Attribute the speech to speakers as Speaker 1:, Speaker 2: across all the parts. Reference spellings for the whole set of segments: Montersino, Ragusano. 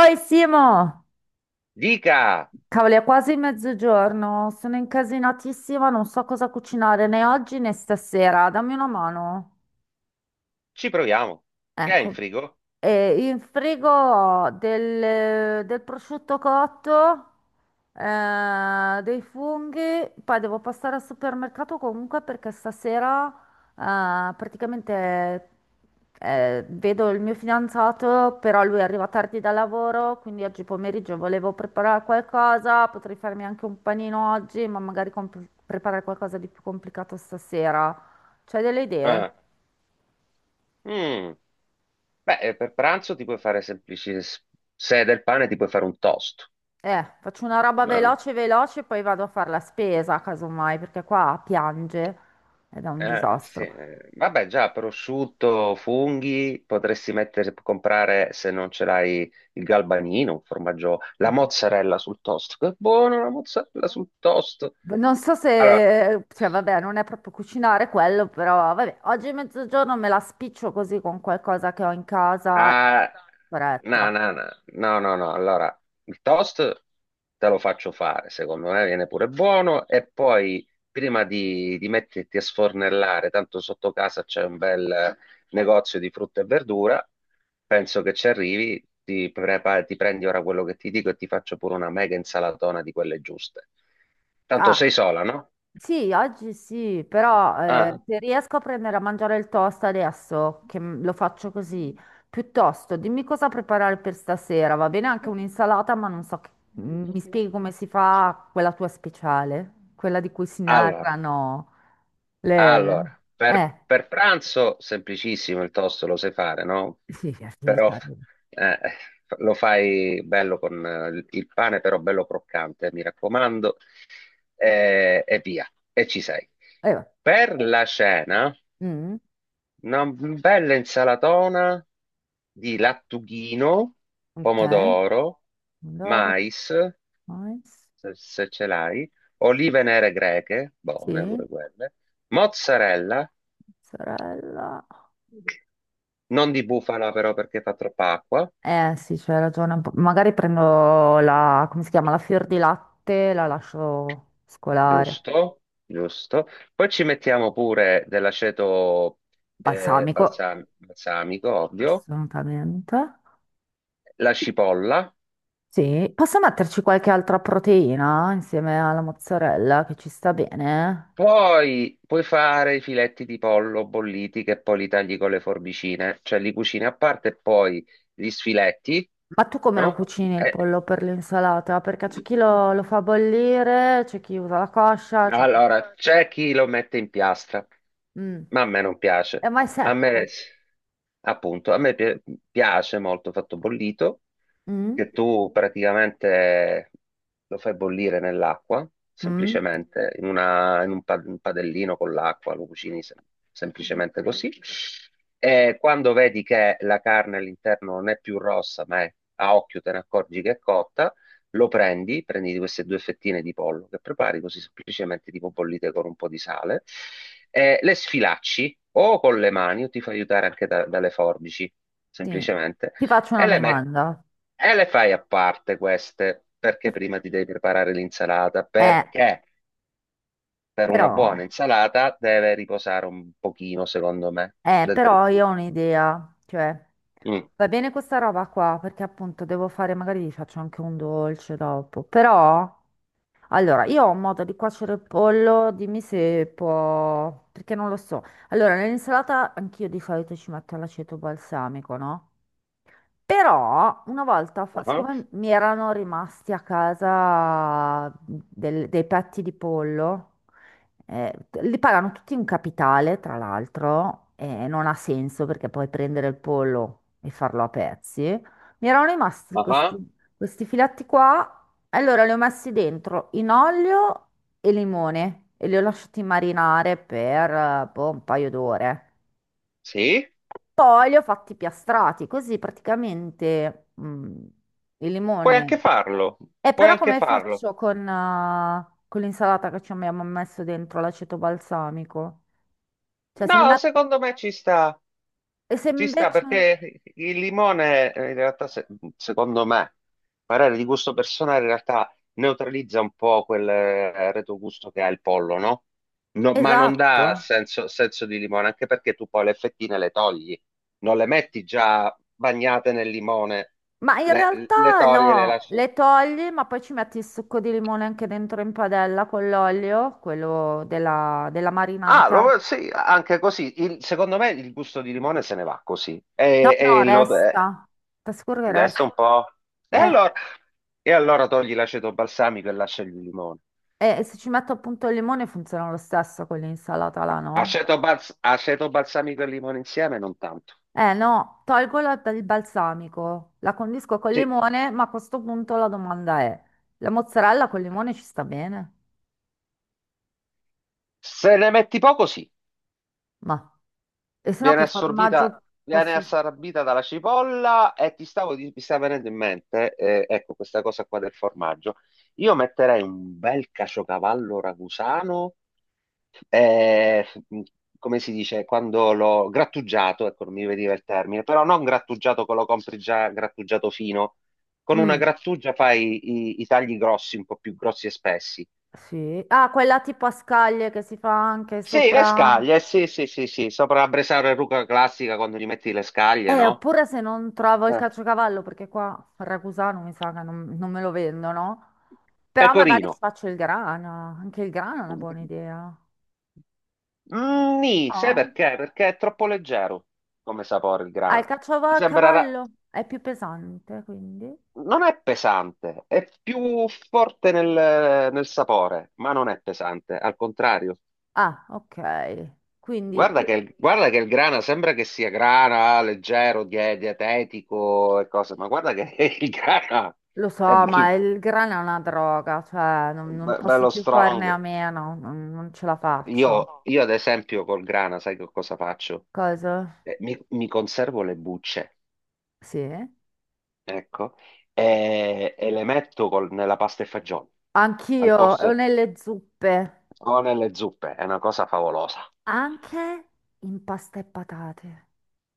Speaker 1: Oi Simo,
Speaker 2: Dica,
Speaker 1: cavoli, è quasi mezzogiorno, sono incasinatissima, non so cosa cucinare né oggi né stasera, dammi una mano.
Speaker 2: ci proviamo. Che hai in
Speaker 1: Ecco,
Speaker 2: frigo?
Speaker 1: e in frigo ho del prosciutto cotto, dei funghi, poi devo passare al supermercato comunque perché stasera praticamente vedo il mio fidanzato, però lui arriva tardi dal lavoro, quindi oggi pomeriggio volevo preparare qualcosa, potrei farmi anche un panino oggi, ma magari preparare qualcosa di più complicato stasera. C'hai delle idee?
Speaker 2: Ah, mm, beh, per pranzo ti puoi fare se è del pane ti puoi fare un toast.
Speaker 1: Faccio una roba
Speaker 2: Ma-
Speaker 1: veloce, veloce, poi vado a fare la spesa, casomai, perché qua piange ed è un
Speaker 2: sì,
Speaker 1: disastro.
Speaker 2: vabbè, già, prosciutto, funghi, potresti mettere, comprare, se non ce l'hai, il galbanino, un formaggio, la mozzarella sul toast. Che buono la mozzarella sul toast.
Speaker 1: Non so
Speaker 2: Allora,
Speaker 1: se, cioè, vabbè, non è proprio cucinare quello, però, vabbè, oggi mezzogiorno me la spiccio così con qualcosa che ho in casa, in
Speaker 2: ah, no,
Speaker 1: fretta.
Speaker 2: no, no, no, no, no. Allora, il toast te lo faccio fare, secondo me viene pure buono e poi prima di metterti a sfornellare, tanto sotto casa c'è un bel negozio di frutta e verdura, penso che ci arrivi, ti prendi ora quello che ti dico e ti faccio pure una mega insalatona di quelle giuste. Tanto
Speaker 1: Ah.
Speaker 2: sei sola, no?
Speaker 1: Sì, oggi sì, però
Speaker 2: Ah.
Speaker 1: se riesco a prendere a mangiare il toast adesso, che lo faccio così, piuttosto dimmi cosa preparare per stasera, va bene anche un'insalata, ma non so, mi spieghi come si fa quella tua speciale, quella di cui si
Speaker 2: Allora.
Speaker 1: narrano le...
Speaker 2: Allora, per,
Speaker 1: Eh,
Speaker 2: per pranzo semplicissimo il tosto lo sai fare, no?
Speaker 1: sì, sì, lì ci
Speaker 2: Però
Speaker 1: arrivo.
Speaker 2: eh, lo fai bello con il pane, però bello croccante, mi raccomando, e via, e ci sei.
Speaker 1: Va.
Speaker 2: Per la cena,
Speaker 1: Mm,
Speaker 2: una bella insalatona di lattughino,
Speaker 1: ok,
Speaker 2: pomodoro,
Speaker 1: pomodoro,
Speaker 2: mais,
Speaker 1: mais,
Speaker 2: se ce l'hai, olive nere greche, buone
Speaker 1: sì,
Speaker 2: pure quelle, mozzarella.
Speaker 1: mozzarella.
Speaker 2: Non di bufala però perché fa troppa acqua,
Speaker 1: Eh sì, c'hai ragione un po'. Magari prendo la, come si chiama, la fior di latte, la lascio scolare.
Speaker 2: giusto, giusto. Poi ci mettiamo pure dell'aceto
Speaker 1: Balsamico,
Speaker 2: balsamico, ovvio,
Speaker 1: assolutamente.
Speaker 2: la cipolla.
Speaker 1: Sì, posso metterci qualche altra proteina insieme alla mozzarella che ci sta bene?
Speaker 2: Poi puoi fare i filetti di pollo bolliti che poi li tagli con le forbicine, cioè li cucini a parte e poi gli sfiletti,
Speaker 1: Ma tu come lo
Speaker 2: no?
Speaker 1: cucini il pollo per l'insalata? Perché c'è chi lo fa bollire, c'è chi usa la coscia, c'è chi...
Speaker 2: Allora, c'è chi lo mette in piastra,
Speaker 1: Mm.
Speaker 2: ma a me non piace.
Speaker 1: Ma è
Speaker 2: A me,
Speaker 1: secco.
Speaker 2: appunto, a me piace molto fatto bollito,
Speaker 1: Mm?
Speaker 2: che tu praticamente lo fai bollire nell'acqua,
Speaker 1: Mm?
Speaker 2: semplicemente, in un, un padellino con l'acqua, lo cucini semplicemente così. E quando vedi che la carne all'interno non è più rossa, ma è a occhio te ne accorgi che è cotta, prendi queste due fettine di pollo che prepari così semplicemente tipo bollite con un po' di sale, le sfilacci o con le mani o ti fai aiutare anche dalle forbici,
Speaker 1: Sì.
Speaker 2: semplicemente,
Speaker 1: Ti faccio una
Speaker 2: e le metti.
Speaker 1: domanda.
Speaker 2: E le fai a parte queste, perché prima ti devi preparare l'insalata,
Speaker 1: Eh,
Speaker 2: perché per una buona
Speaker 1: però...
Speaker 2: insalata deve riposare un pochino, secondo me, dentro il
Speaker 1: Però io
Speaker 2: frigo.
Speaker 1: ho un'idea, cioè
Speaker 2: Mm.
Speaker 1: va bene questa roba qua perché appunto devo fare, magari vi faccio anche un dolce dopo, però allora io ho un modo di cuocere il pollo, dimmi se può, perché non lo so. Allora, nell'insalata anch'io di solito ci metto l'aceto balsamico, no? Però una volta,
Speaker 2: Ah,
Speaker 1: siccome mi erano rimasti a casa dei petti di pollo, eh, li pagano tutti in capitale, tra l'altro, e non ha senso perché puoi prendere il pollo e farlo a pezzi. Mi erano rimasti
Speaker 2: ah,
Speaker 1: questi,
Speaker 2: ah.
Speaker 1: questi filetti qua, allora li ho messi dentro in olio e limone e li ho lasciati marinare per, boh, un paio d'ore.
Speaker 2: Sì,
Speaker 1: Poi li ho fatti piastrati, così praticamente il
Speaker 2: puoi anche
Speaker 1: limone.
Speaker 2: farlo,
Speaker 1: E
Speaker 2: puoi
Speaker 1: però
Speaker 2: anche
Speaker 1: come
Speaker 2: farlo.
Speaker 1: faccio con l'insalata che ci abbiamo messo dentro l'aceto balsamico? Cioè se li
Speaker 2: No,
Speaker 1: metto...
Speaker 2: secondo me
Speaker 1: E se
Speaker 2: ci sta
Speaker 1: invece...
Speaker 2: perché il limone, in realtà, secondo me, parere di gusto personale, in realtà neutralizza un po' quel retrogusto che ha il pollo, no? No, ma non
Speaker 1: Esatto.
Speaker 2: dà senso, senso di limone, anche perché tu poi le fettine le togli, non le metti già bagnate nel limone,
Speaker 1: Ma in
Speaker 2: le, le
Speaker 1: realtà
Speaker 2: togli e le
Speaker 1: no,
Speaker 2: lasci.
Speaker 1: le togli, ma poi ci metti il succo di limone anche dentro in padella con l'olio, quello della
Speaker 2: Ah,
Speaker 1: marinata.
Speaker 2: sì, anche così. Secondo me il gusto di limone se ne va così.
Speaker 1: No,
Speaker 2: E,
Speaker 1: no,
Speaker 2: e lo.
Speaker 1: resta. Ti assicuro che resta.
Speaker 2: Adesso un po'. E
Speaker 1: Eh,
Speaker 2: allora, e allora togli l'aceto balsamico e lascia il limone.
Speaker 1: E se ci metto appunto il limone funziona lo stesso con l'insalata là, no?
Speaker 2: Aceto balsamico e limone insieme, non tanto.
Speaker 1: Eh no, tolgo il balsamico, la condisco col
Speaker 2: Sì.
Speaker 1: limone, ma a questo punto la domanda è, la mozzarella col limone ci sta bene?
Speaker 2: Se ne metti poco, sì.
Speaker 1: Ma, e se no
Speaker 2: Viene
Speaker 1: che
Speaker 2: assorbita,
Speaker 1: formaggio
Speaker 2: viene
Speaker 1: posso...
Speaker 2: assorbita dalla cipolla e mi sta venendo in mente, ecco, questa cosa qua del formaggio. Io metterei un bel caciocavallo ragusano, eh, come si dice, quando l'ho grattugiato, ecco, non mi veniva il termine, però non grattugiato che lo compri già grattugiato fino, con una
Speaker 1: Mm,
Speaker 2: grattugia fai i tagli grossi, un po' più grossi e spessi.
Speaker 1: sì. Ah, quella tipo a scaglie che si fa anche
Speaker 2: Sì, le
Speaker 1: sopra...
Speaker 2: scaglie, sì, sì, sì, sì, sopra la bresaola e rucola classica quando gli metti le scaglie, no?
Speaker 1: Oppure se non trovo il
Speaker 2: Eh.
Speaker 1: caciocavallo, perché qua a Ragusano mi sa che non me lo vendono, però magari ci
Speaker 2: Pecorino.
Speaker 1: faccio il grana, anche il grana è una buona idea.
Speaker 2: Nì, sai
Speaker 1: No?
Speaker 2: perché? Perché è troppo leggero come sapore il
Speaker 1: Ah, il
Speaker 2: grana. Ti
Speaker 1: a
Speaker 2: sembrerà,
Speaker 1: cavallo è più pesante, quindi.
Speaker 2: non è pesante, è più forte nel sapore, ma non è pesante, al contrario.
Speaker 1: Ah, ok. Quindi
Speaker 2: Guarda che, guarda che il grana sembra che sia grana, leggero, dietetico e cose, ma guarda che il grana
Speaker 1: lo so,
Speaker 2: è
Speaker 1: ma
Speaker 2: bello,
Speaker 1: il grano è una droga, cioè non
Speaker 2: be-
Speaker 1: posso
Speaker 2: bello
Speaker 1: più farne
Speaker 2: strong.
Speaker 1: a meno, non ce la faccio.
Speaker 2: Io ad esempio col grana, sai che cosa faccio?
Speaker 1: Cosa?
Speaker 2: Mi conservo le bucce,
Speaker 1: Sì.
Speaker 2: ecco, e le metto nella pasta e fagioli, al
Speaker 1: Anch'io, o
Speaker 2: posto
Speaker 1: nelle zuppe,
Speaker 2: o nelle zuppe, è una cosa favolosa.
Speaker 1: anche in pasta e patate,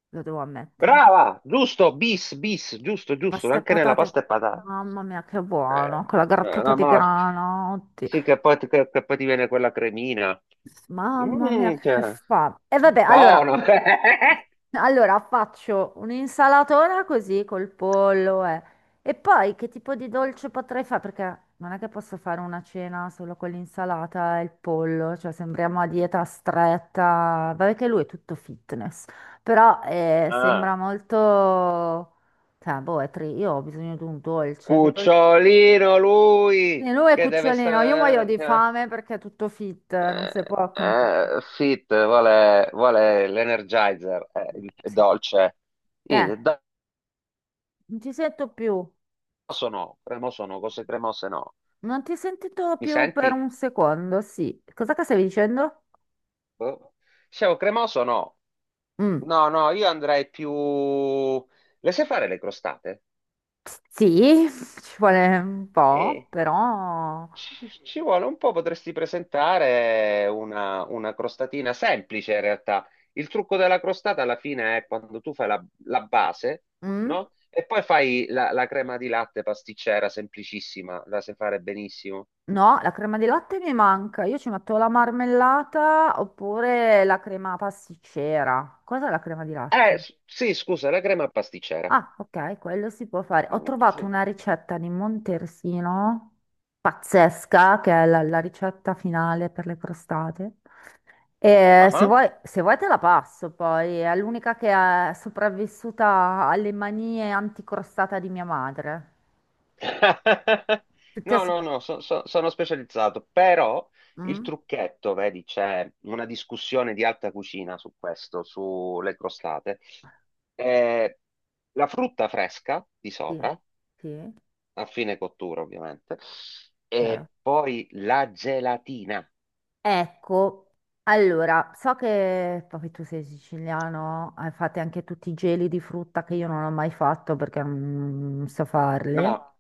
Speaker 1: lo devo ammettere.
Speaker 2: Brava, giusto, bis, bis, giusto, giusto,
Speaker 1: Pasta e
Speaker 2: anche nella
Speaker 1: patate,
Speaker 2: pasta e patate.
Speaker 1: mamma mia, che buono,
Speaker 2: Eh,
Speaker 1: con la grattata
Speaker 2: la
Speaker 1: di
Speaker 2: morte.
Speaker 1: grano, oddio.
Speaker 2: Sì, che poi ti viene quella cremina.
Speaker 1: Mamma mia,
Speaker 2: Mm, che...
Speaker 1: che fa. E vabbè,
Speaker 2: Buono.
Speaker 1: allora. Allora faccio un'insalatona così col pollo. E poi che tipo di dolce potrei fare? Perché non è che posso fare una cena solo con l'insalata e il pollo, cioè sembriamo a dieta stretta. Vabbè che lui è tutto fitness, però
Speaker 2: Ah,
Speaker 1: sembra molto... Cioè, boh, è io ho bisogno di un dolce, che dolce...
Speaker 2: cucciolino
Speaker 1: Sì,
Speaker 2: lui,
Speaker 1: lui è
Speaker 2: che deve
Speaker 1: cucciolino, io muoio
Speaker 2: stare...
Speaker 1: di
Speaker 2: che-
Speaker 1: fame perché è tutto fit, non si può...
Speaker 2: Fit, vuole l'Energizer, è
Speaker 1: Sì.
Speaker 2: dolce.
Speaker 1: Eh,
Speaker 2: Niente,
Speaker 1: Non ci sento più.
Speaker 2: sono, cremoso no, cremose no, cose cremose no.
Speaker 1: Non ti ho sentito
Speaker 2: Mi
Speaker 1: più per
Speaker 2: senti?
Speaker 1: un secondo, sì. Cos'è che stavi dicendo?
Speaker 2: Boh. Scemo cremoso no.
Speaker 1: Mm,
Speaker 2: No, no, io andrei più. Le sai fare le crostate?
Speaker 1: sì, ci vuole un po',
Speaker 2: Eh,
Speaker 1: però...
Speaker 2: ci vuole un po', potresti presentare una, crostatina semplice in realtà. Il trucco della crostata alla fine è quando tu fai la, la, base,
Speaker 1: Mm,
Speaker 2: no? E poi fai la crema di latte pasticcera, semplicissima, la sai fare benissimo.
Speaker 1: no, la crema di latte mi manca. Io ci metto la marmellata oppure la crema pasticcera. Cos'è la crema di latte?
Speaker 2: Sì, scusa, la crema pasticcera.
Speaker 1: Ah, ok, quello si può fare. Ho
Speaker 2: Mm,
Speaker 1: trovato
Speaker 2: sì.
Speaker 1: una ricetta di Montersino pazzesca, che è la la ricetta finale per le crostate. E se
Speaker 2: Ah.
Speaker 1: vuoi, se vuoi te la passo poi, è l'unica che è sopravvissuta alle manie anticrostata di mia madre. Tutti a
Speaker 2: No, no,
Speaker 1: sec-
Speaker 2: no, sono specializzato, però il
Speaker 1: Mm?
Speaker 2: trucchetto, vedi, c'è una discussione di alta cucina su questo, sulle crostate. Eh, la frutta fresca di
Speaker 1: Sì,
Speaker 2: sopra,
Speaker 1: sì,
Speaker 2: a fine cottura ovviamente,
Speaker 1: chiaro.
Speaker 2: e poi la gelatina.
Speaker 1: Ecco, allora, so che poi tu sei siciliano, hai fatto anche tutti i geli di frutta che io non ho mai fatto perché non so farli.
Speaker 2: No,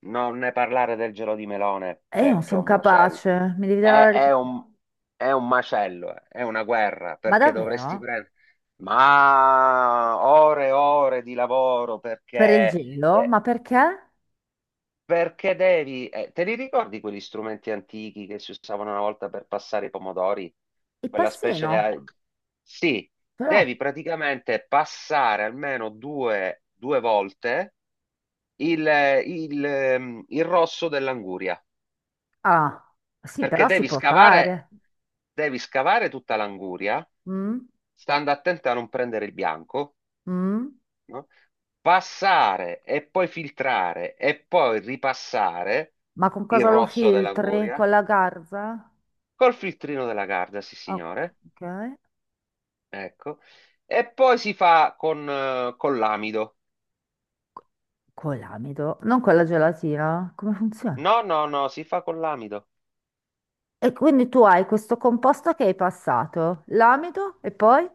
Speaker 2: non ne parlare del gelo di melone
Speaker 1: E io non
Speaker 2: perché è
Speaker 1: sono
Speaker 2: un macello.
Speaker 1: capace, mi devi dare
Speaker 2: È,
Speaker 1: la
Speaker 2: è
Speaker 1: risposta.
Speaker 2: un, è un macello. È una guerra
Speaker 1: Ma
Speaker 2: perché dovresti
Speaker 1: davvero?
Speaker 2: prendere. Ma ore e ore di lavoro
Speaker 1: Per il
Speaker 2: perché,
Speaker 1: gelo?
Speaker 2: eh,
Speaker 1: Ma perché?
Speaker 2: perché, devi. Te li ricordi quegli strumenti antichi che si usavano una volta per passare i pomodori?
Speaker 1: Il
Speaker 2: Quella specie.
Speaker 1: passino,
Speaker 2: Sì,
Speaker 1: ce l'ho.
Speaker 2: devi praticamente passare almeno due volte il, il rosso dell'anguria,
Speaker 1: Ah, sì,
Speaker 2: perché
Speaker 1: però si può fare.
Speaker 2: devi scavare tutta l'anguria,
Speaker 1: Mm?
Speaker 2: stando attento a non prendere il bianco,
Speaker 1: Mm?
Speaker 2: no? Passare e poi filtrare e poi ripassare
Speaker 1: Ma con
Speaker 2: il
Speaker 1: cosa lo
Speaker 2: rosso
Speaker 1: filtri?
Speaker 2: dell'anguria
Speaker 1: Con la garza?
Speaker 2: col filtrino della Garda, sì
Speaker 1: Ok.
Speaker 2: signore,
Speaker 1: Ok.
Speaker 2: ecco, e poi si fa con l'amido.
Speaker 1: Con l'amido, non con la gelatina. Come funziona?
Speaker 2: No, no, no, si fa con l'amido.
Speaker 1: E quindi tu hai questo composto che hai passato, l'amido e poi?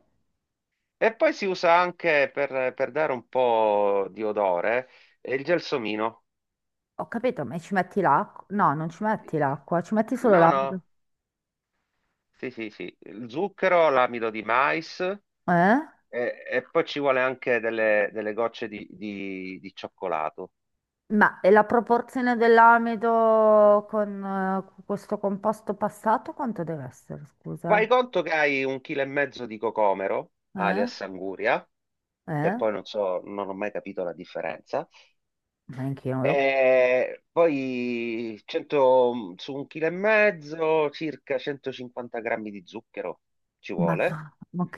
Speaker 2: E poi si usa anche per dare un po' di odore, il gelsomino.
Speaker 1: Ho capito, ma ci metti l'acqua? No, non ci metti l'acqua, ci metti solo
Speaker 2: No,
Speaker 1: l'amido.
Speaker 2: no, sì, sì, sì. Il zucchero, l'amido di mais
Speaker 1: Eh?
Speaker 2: e poi ci vuole anche delle gocce di cioccolato.
Speaker 1: Ma e la proporzione dell'amido con questo composto passato quanto deve essere,
Speaker 2: Fai
Speaker 1: scusa?
Speaker 2: conto che hai un chilo e mezzo di cocomero,
Speaker 1: Eh?
Speaker 2: alias anguria, che
Speaker 1: Eh?
Speaker 2: poi non so, non ho mai capito la differenza.
Speaker 1: Neanche io.
Speaker 2: E poi 100 su un chilo e mezzo, circa 150 grammi di zucchero ci vuole,
Speaker 1: Mamma, ok.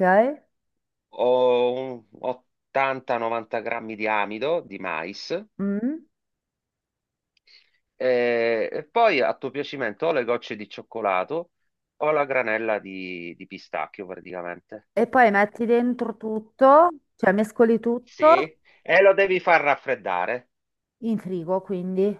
Speaker 2: o un 80-90 grammi di amido di mais,
Speaker 1: Mm.
Speaker 2: e poi a tuo piacimento o le gocce di cioccolato o la granella di pistacchio praticamente.
Speaker 1: E poi metti dentro tutto, cioè mescoli
Speaker 2: Sì,
Speaker 1: tutto
Speaker 2: e lo devi far raffreddare.
Speaker 1: in frigo, quindi.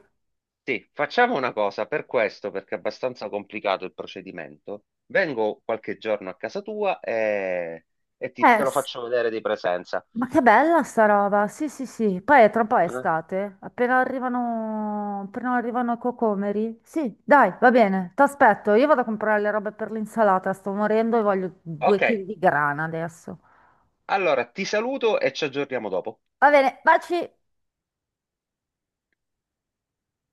Speaker 2: Sì, facciamo una cosa per questo, perché è abbastanza complicato il procedimento. Vengo qualche giorno a casa tua e, e ti-
Speaker 1: Eh,
Speaker 2: te lo
Speaker 1: s-
Speaker 2: faccio vedere di presenza.
Speaker 1: ma che bella sta roba. Sì, sì, sì. Poi tra un po' è
Speaker 2: Eh?
Speaker 1: estate. Appena arrivano i cocomeri. Sì, dai, va bene. Ti aspetto. Io vado a comprare le robe per l'insalata. Sto morendo e voglio due
Speaker 2: Ok,
Speaker 1: chili di grana adesso.
Speaker 2: allora ti saluto e ci aggiorniamo dopo.
Speaker 1: Va bene, baci.